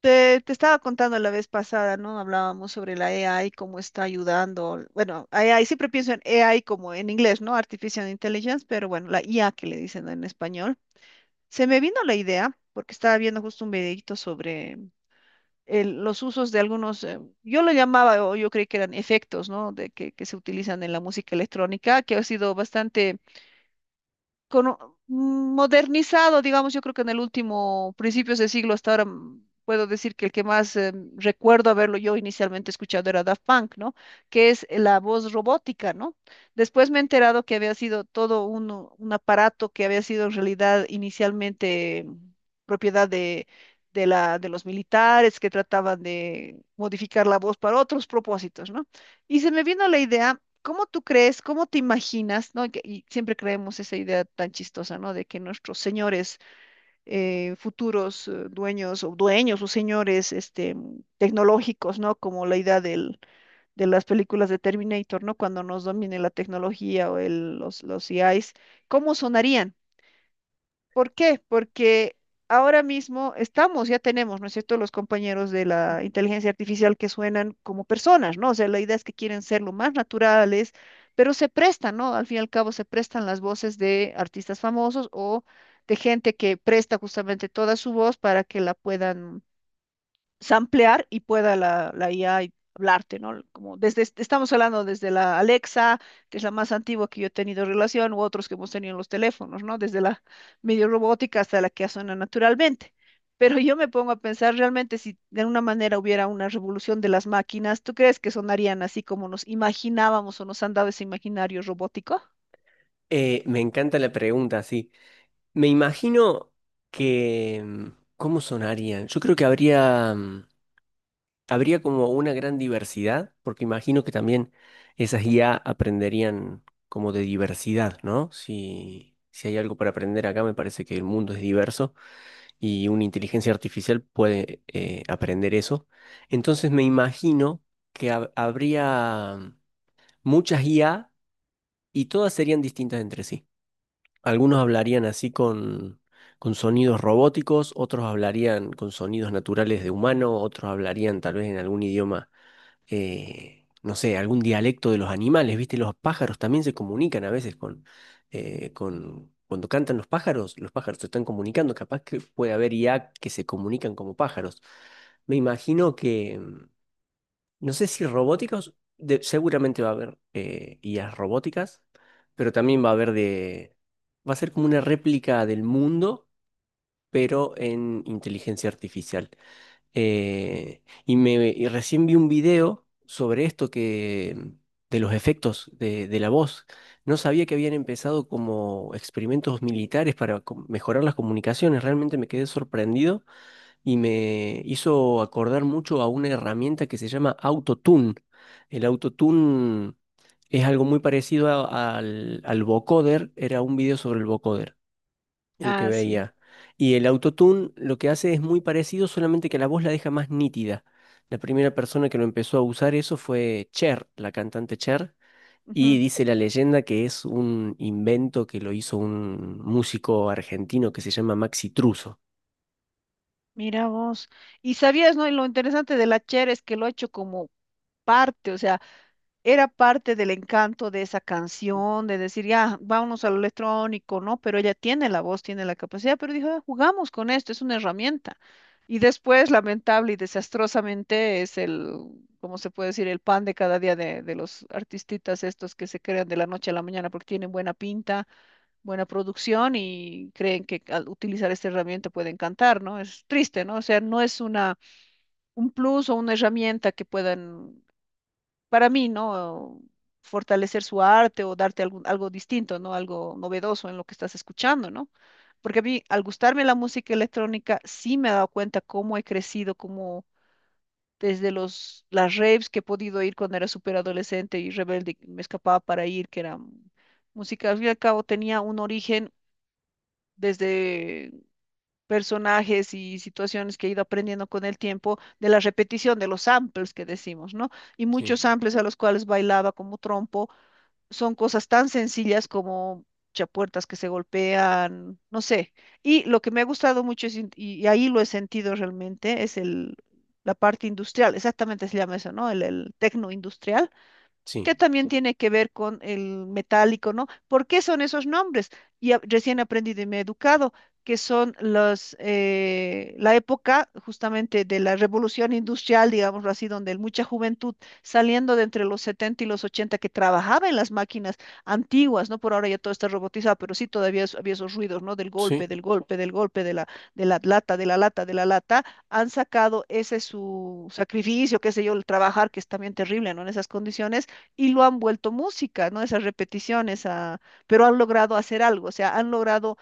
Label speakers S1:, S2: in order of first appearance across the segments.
S1: Te estaba contando la vez pasada, ¿no? Hablábamos sobre la AI, cómo está ayudando. Bueno, AI, siempre pienso en AI como en inglés, ¿no? Artificial Intelligence, pero bueno, la IA que le dicen en español. Se me vino la idea, porque estaba viendo justo un videito sobre los usos de algunos, yo lo llamaba, o yo creí que eran efectos, ¿no? De que se utilizan en la música electrónica, que ha sido bastante modernizado, digamos, yo creo que en el último, principios de siglo hasta ahora, puedo decir que el que más recuerdo haberlo yo inicialmente escuchado era Daft Punk, ¿no? Que es la voz robótica, ¿no? Después me he enterado que había sido todo un aparato que había sido en realidad inicialmente propiedad de... De de los militares que trataban de modificar la voz para otros propósitos, ¿no? Y se me vino la idea. ¿Cómo tú crees?, ¿cómo te imaginas?, ¿no? Y siempre creemos esa idea tan chistosa, ¿no? De que nuestros señores, futuros, dueños o señores, tecnológicos, ¿no? Como la idea de las películas de Terminator, ¿no? Cuando nos domine la tecnología o los EIs, ¿cómo sonarían? ¿Por qué? Porque ahora mismo estamos, ya tenemos, ¿no es cierto?, los compañeros de la inteligencia artificial que suenan como personas, ¿no? O sea, la idea es que quieren ser lo más naturales, pero se prestan, ¿no? Al fin y al cabo, se prestan las voces de artistas famosos o de gente que presta justamente toda su voz para que la puedan samplear y pueda la IA y hablarte, ¿no? Como desde, estamos hablando desde la Alexa, que es la más antigua que yo he tenido relación, u otros que hemos tenido en los teléfonos, ¿no? Desde la medio robótica hasta la que suena naturalmente. Pero yo me pongo a pensar realmente: si de alguna manera hubiera una revolución de las máquinas, ¿tú crees que sonarían así como nos imaginábamos o nos han dado ese imaginario robótico?
S2: Me encanta la pregunta, sí. Me imagino que ¿cómo sonarían? Yo creo que habría como una gran diversidad, porque imagino que también esas IA aprenderían como de diversidad, ¿no? Si hay algo para aprender acá, me parece que el mundo es diverso y una inteligencia artificial puede aprender eso. Entonces me imagino que habría muchas IA y todas serían distintas entre sí. Algunos hablarían así con sonidos robóticos, otros hablarían con sonidos naturales de humano, otros hablarían tal vez en algún idioma, no sé, algún dialecto de los animales, ¿viste? Los pájaros también se comunican a veces Cuando cantan los pájaros se están comunicando, capaz que puede haber IA que se comunican como pájaros. Me imagino que... No sé si robóticos, seguramente va a haber IAs robóticas, pero también va a haber de... Va a ser como una réplica del mundo, pero en inteligencia artificial. Y recién vi un video sobre esto, de los efectos de la voz. No sabía que habían empezado como experimentos militares para mejorar las comunicaciones. Realmente me quedé sorprendido y me hizo acordar mucho a una herramienta que se llama Autotune. El Autotune es algo muy parecido al vocoder, era un video sobre el vocoder, el que
S1: Ah, sí.
S2: veía. Y el Autotune lo que hace es muy parecido, solamente que la voz la deja más nítida. La primera persona que lo empezó a usar eso fue Cher, la cantante Cher. Y
S1: Ujú.
S2: dice la leyenda que es un invento que lo hizo un músico argentino que se llama Maxi Truso.
S1: Mira vos. Y sabías, ¿no? Y lo interesante de la Cher es que lo ha hecho como parte, o sea, era parte del encanto de esa canción, de decir: ya, vámonos a lo electrónico, ¿no? Pero ella tiene la voz, tiene la capacidad, pero dijo: "Ah, jugamos con esto, es una herramienta". Y después, lamentable y desastrosamente, es el, ¿cómo se puede decir?, el pan de cada día de los artistitas estos que se crean de la noche a la mañana porque tienen buena pinta, buena producción, y creen que al utilizar esta herramienta pueden cantar, ¿no? Es triste, ¿no? O sea, no es una, un plus o una herramienta que puedan, para mí, ¿no?, fortalecer su arte o darte algo distinto, ¿no? Algo novedoso en lo que estás escuchando, ¿no? Porque a mí, al gustarme la música electrónica, sí me he dado cuenta cómo he crecido, cómo desde las raves que he podido ir cuando era súper adolescente y rebelde, me escapaba para ir, que era música, al fin y al cabo, tenía un origen desde personajes y situaciones que he ido aprendiendo con el tiempo de la repetición de los samples que decimos, ¿no? Y
S2: Sí,
S1: muchos samples a los cuales bailaba como trompo son cosas tan sencillas como chapuertas que se golpean, no sé. Y lo que me ha gustado mucho es y ahí lo he sentido realmente es el la parte industrial, exactamente se llama eso, ¿no? El tecno industrial, que
S2: sí,
S1: también tiene que ver con el metálico, ¿no? ¿Por qué son esos nombres? Y recién aprendí de mi educado que son los, la época justamente de la revolución industrial, digámoslo así, donde mucha juventud saliendo de entre los 70 y los 80 que trabajaba en las máquinas antiguas, ¿no? Por ahora ya todo está robotizado, pero sí todavía había esos ruidos, ¿no? Del golpe,
S2: sí.
S1: del golpe, del golpe, de la lata, de la lata, de la lata, han sacado ese su sacrificio, qué sé yo, el trabajar, que es también terrible, ¿no? En esas condiciones, y lo han vuelto música, ¿no? Esas repeticiones, ah, pero han logrado hacer algo, o sea, han logrado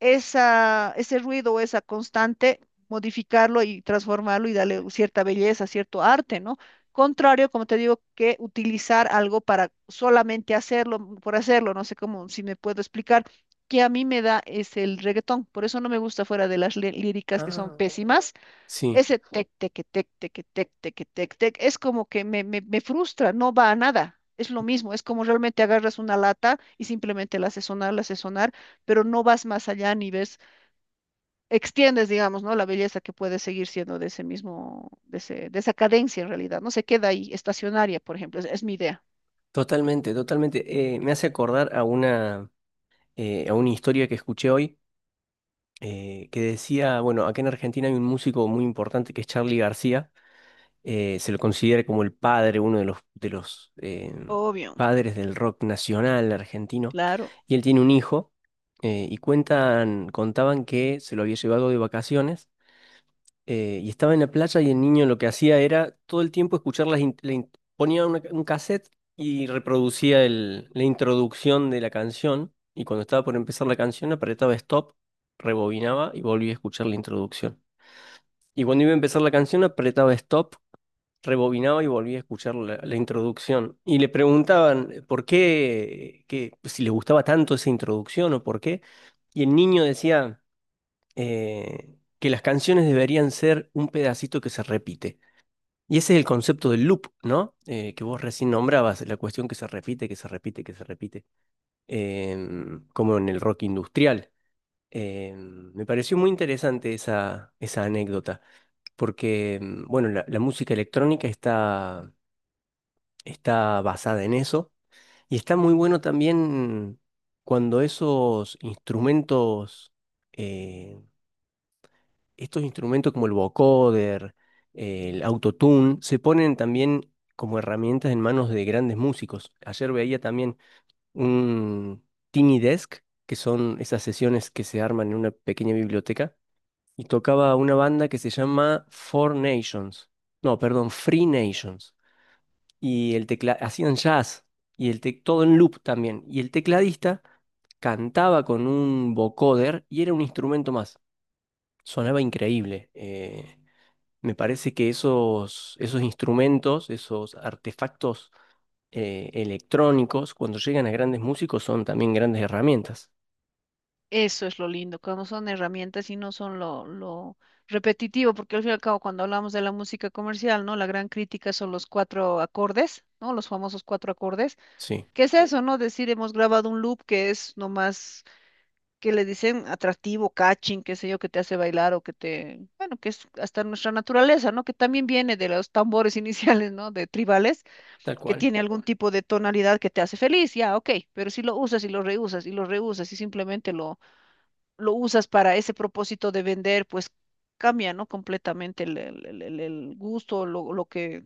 S1: esa, ese ruido, o esa constante, modificarlo y transformarlo y darle cierta belleza, cierto arte, ¿no? Contrario, como te digo, que utilizar algo para solamente hacerlo, por hacerlo, no sé cómo, si me puedo explicar, que a mí me da es el reggaetón, por eso no me gusta, fuera de líricas, que son
S2: Ah,
S1: pésimas.
S2: sí,
S1: Ese tec, tec, tec, tec, tec, tec, tec, tec, es como que me frustra, no va a nada. Es lo mismo, es como realmente agarras una lata y simplemente la haces sonar, pero no vas más allá ni ves, extiendes, digamos, ¿no?, la belleza que puede seguir siendo de ese mismo, de ese, de esa cadencia en realidad. No se queda ahí, estacionaria, por ejemplo, es mi idea.
S2: totalmente, totalmente. Me hace acordar a una historia que escuché hoy, que decía, bueno, acá en Argentina hay un músico muy importante que es Charly García. Se lo considera como el padre, uno de los
S1: Obvio,
S2: padres del rock nacional argentino.
S1: claro.
S2: Y él tiene un hijo, y cuentan, contaban que se lo había llevado de vacaciones, y estaba en la playa y el niño lo que hacía era todo el tiempo escuchar las... in- la in- ponía un cassette y reproducía la introducción de la canción y cuando estaba por empezar la canción apretaba stop, rebobinaba y volvía a escuchar la introducción. Y cuando iba a empezar la canción apretaba stop, rebobinaba y volvía a escuchar la introducción. Y le preguntaban por qué, que, si le gustaba tanto esa introducción o por qué. Y el niño decía que las canciones deberían ser un pedacito que se repite. Y ese es el concepto del loop, ¿no? Que vos recién nombrabas, la cuestión que se repite, que se repite, que se repite, como en el rock industrial. Me pareció muy interesante esa, esa anécdota, porque, bueno, la música electrónica está, está basada en eso, y está muy bueno también cuando esos instrumentos eh, estos instrumentos como el vocoder, el autotune, se ponen también como herramientas en manos de grandes músicos. Ayer veía también un Tiny Desk, que son esas sesiones que se arman en una pequeña biblioteca, y tocaba una banda que se llama Four Nations, no, perdón, Free Nations, y el tecla hacían jazz, y todo en loop también, y el tecladista cantaba con un vocoder y era un instrumento más. Sonaba increíble. Me parece que esos, esos instrumentos, esos artefactos electrónicos, cuando llegan a grandes músicos, son también grandes herramientas.
S1: Eso es lo lindo, cuando son herramientas y no son lo repetitivo, porque al fin y al cabo, cuando hablamos de la música comercial, ¿no?, la gran crítica son los cuatro acordes, ¿no? Los famosos cuatro acordes.
S2: Sí,
S1: ¿Qué es eso, no? Decir: hemos grabado un loop que es nomás, que le dicen atractivo, catching, qué sé yo, que te hace bailar o que te, bueno, que es hasta nuestra naturaleza, ¿no? Que también viene de los tambores iniciales, ¿no? De tribales,
S2: tal
S1: que
S2: cual.
S1: tiene algún tipo de tonalidad que te hace feliz. Ya, ok, pero si lo usas y lo reusas y lo reusas y simplemente lo usas para ese propósito de vender, pues cambia, ¿no? Completamente el gusto, lo que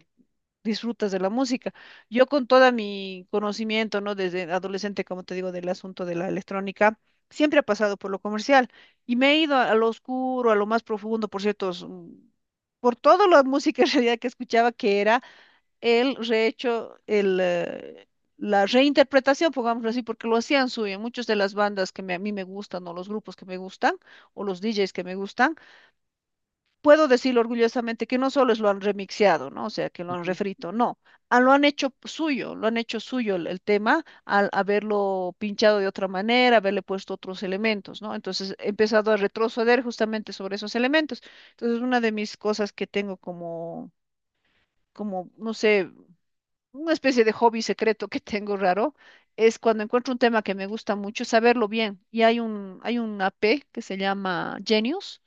S1: disfrutas de la música. Yo, con todo mi conocimiento, ¿no?, desde adolescente, como te digo, del asunto de la electrónica, siempre he pasado por lo comercial y me he ido a lo oscuro, a lo más profundo, por ciertos... por toda la música en realidad que escuchaba, que era él rehecho la reinterpretación, pongámoslo así, porque lo hacían suyo. En muchas de las bandas que a mí me gustan, o los grupos que me gustan, o los DJs que me gustan, puedo decir orgullosamente que no solo es lo han remixeado, ¿no? O sea, que lo han
S2: Ujú,
S1: refrito, no. Ah, lo han hecho suyo, lo han hecho suyo el tema, al haberlo pinchado de otra manera, haberle puesto otros elementos, ¿no? Entonces he empezado a retroceder justamente sobre esos elementos. Entonces, una de mis cosas que tengo como, no sé, una especie de hobby secreto que tengo raro, es cuando encuentro un tema que me gusta mucho, saberlo bien. Y hay una app que se llama Genius,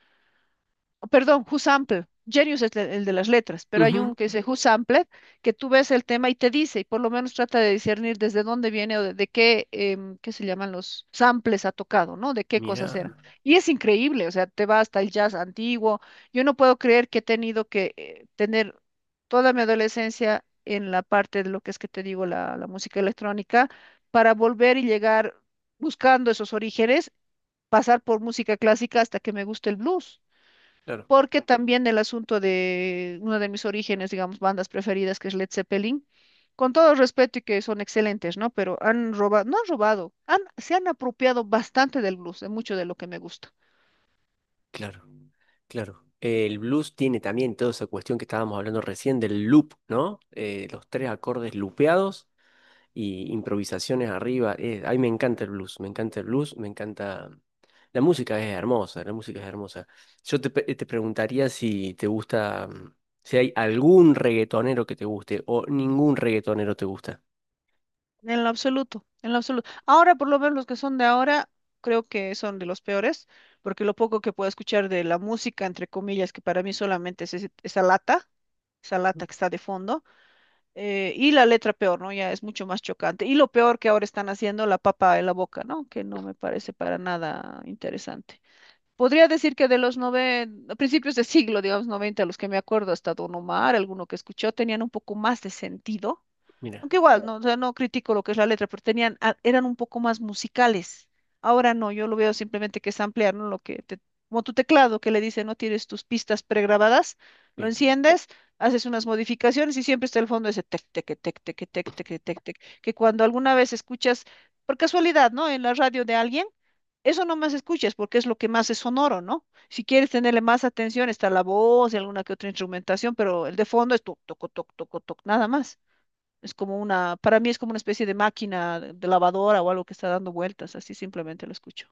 S1: perdón, Who Sampled. Genius es el de las letras, pero hay
S2: ujú.
S1: un que dice Who Sampled, que tú ves el tema y te dice, y por lo menos trata de discernir desde dónde viene o de qué, qué se llaman los samples ha tocado, ¿no? De qué cosas eran.
S2: Mira,
S1: Y es increíble, o sea, te va hasta el jazz antiguo. Yo no puedo creer que he tenido que tener toda mi adolescencia en la parte de lo que es, que te digo, la música electrónica, para volver y llegar buscando esos orígenes, pasar por música clásica hasta que me guste el blues,
S2: claro,
S1: porque también el asunto de uno de mis orígenes, digamos, bandas preferidas, que es Led Zeppelin, con todo respeto y que son excelentes, ¿no?, pero han robado, no han robado, han, se han apropiado bastante del blues, de mucho de lo que me gusta.
S2: claro, claro. El blues tiene también toda esa cuestión que estábamos hablando recién del loop, ¿no? Los tres acordes loopeados y improvisaciones arriba. Ay, me encanta el blues, me encanta el blues, me encanta. La música es hermosa, la música es hermosa. Te preguntaría si te gusta si hay algún reggaetonero que te guste o ningún reggaetonero te gusta.
S1: En lo absoluto, en lo absoluto. Ahora, por lo menos los que son de ahora, creo que son de los peores, porque lo poco que puedo escuchar de la música, entre comillas, que para mí solamente es esa
S2: Ujú.
S1: lata que está de fondo, y la letra peor, ¿no? Ya es mucho más chocante. Y lo peor, que ahora están haciendo la papa en la boca, ¿no? Que no me parece para nada interesante. Podría decir que de principios de siglo, digamos, 90, los que me acuerdo, hasta Don Omar, alguno que escuchó, tenían un poco más de sentido.
S2: Mira,
S1: Aunque igual, no, o sea, no critico lo que es la letra, pero tenían, eran un poco más musicales. Ahora no, yo lo veo simplemente que es ampliar, ¿no? Lo como tu teclado que le dice, no, tienes tus pistas pregrabadas, lo
S2: sí.
S1: enciendes, haces unas modificaciones y siempre está el fondo ese tec, tec, tec, tec, tec, tec, tec, tec, que cuando alguna vez escuchas, por casualidad, ¿no?, en la radio de alguien, eso no más escuchas, porque es lo que más es sonoro, ¿no? Si quieres tenerle más atención, está la voz y alguna que otra instrumentación, pero el de fondo es toc, toc, toc, toc, toc, nada más. Es como una, para mí es como una especie de máquina de lavadora o algo que está dando vueltas, así simplemente lo escucho.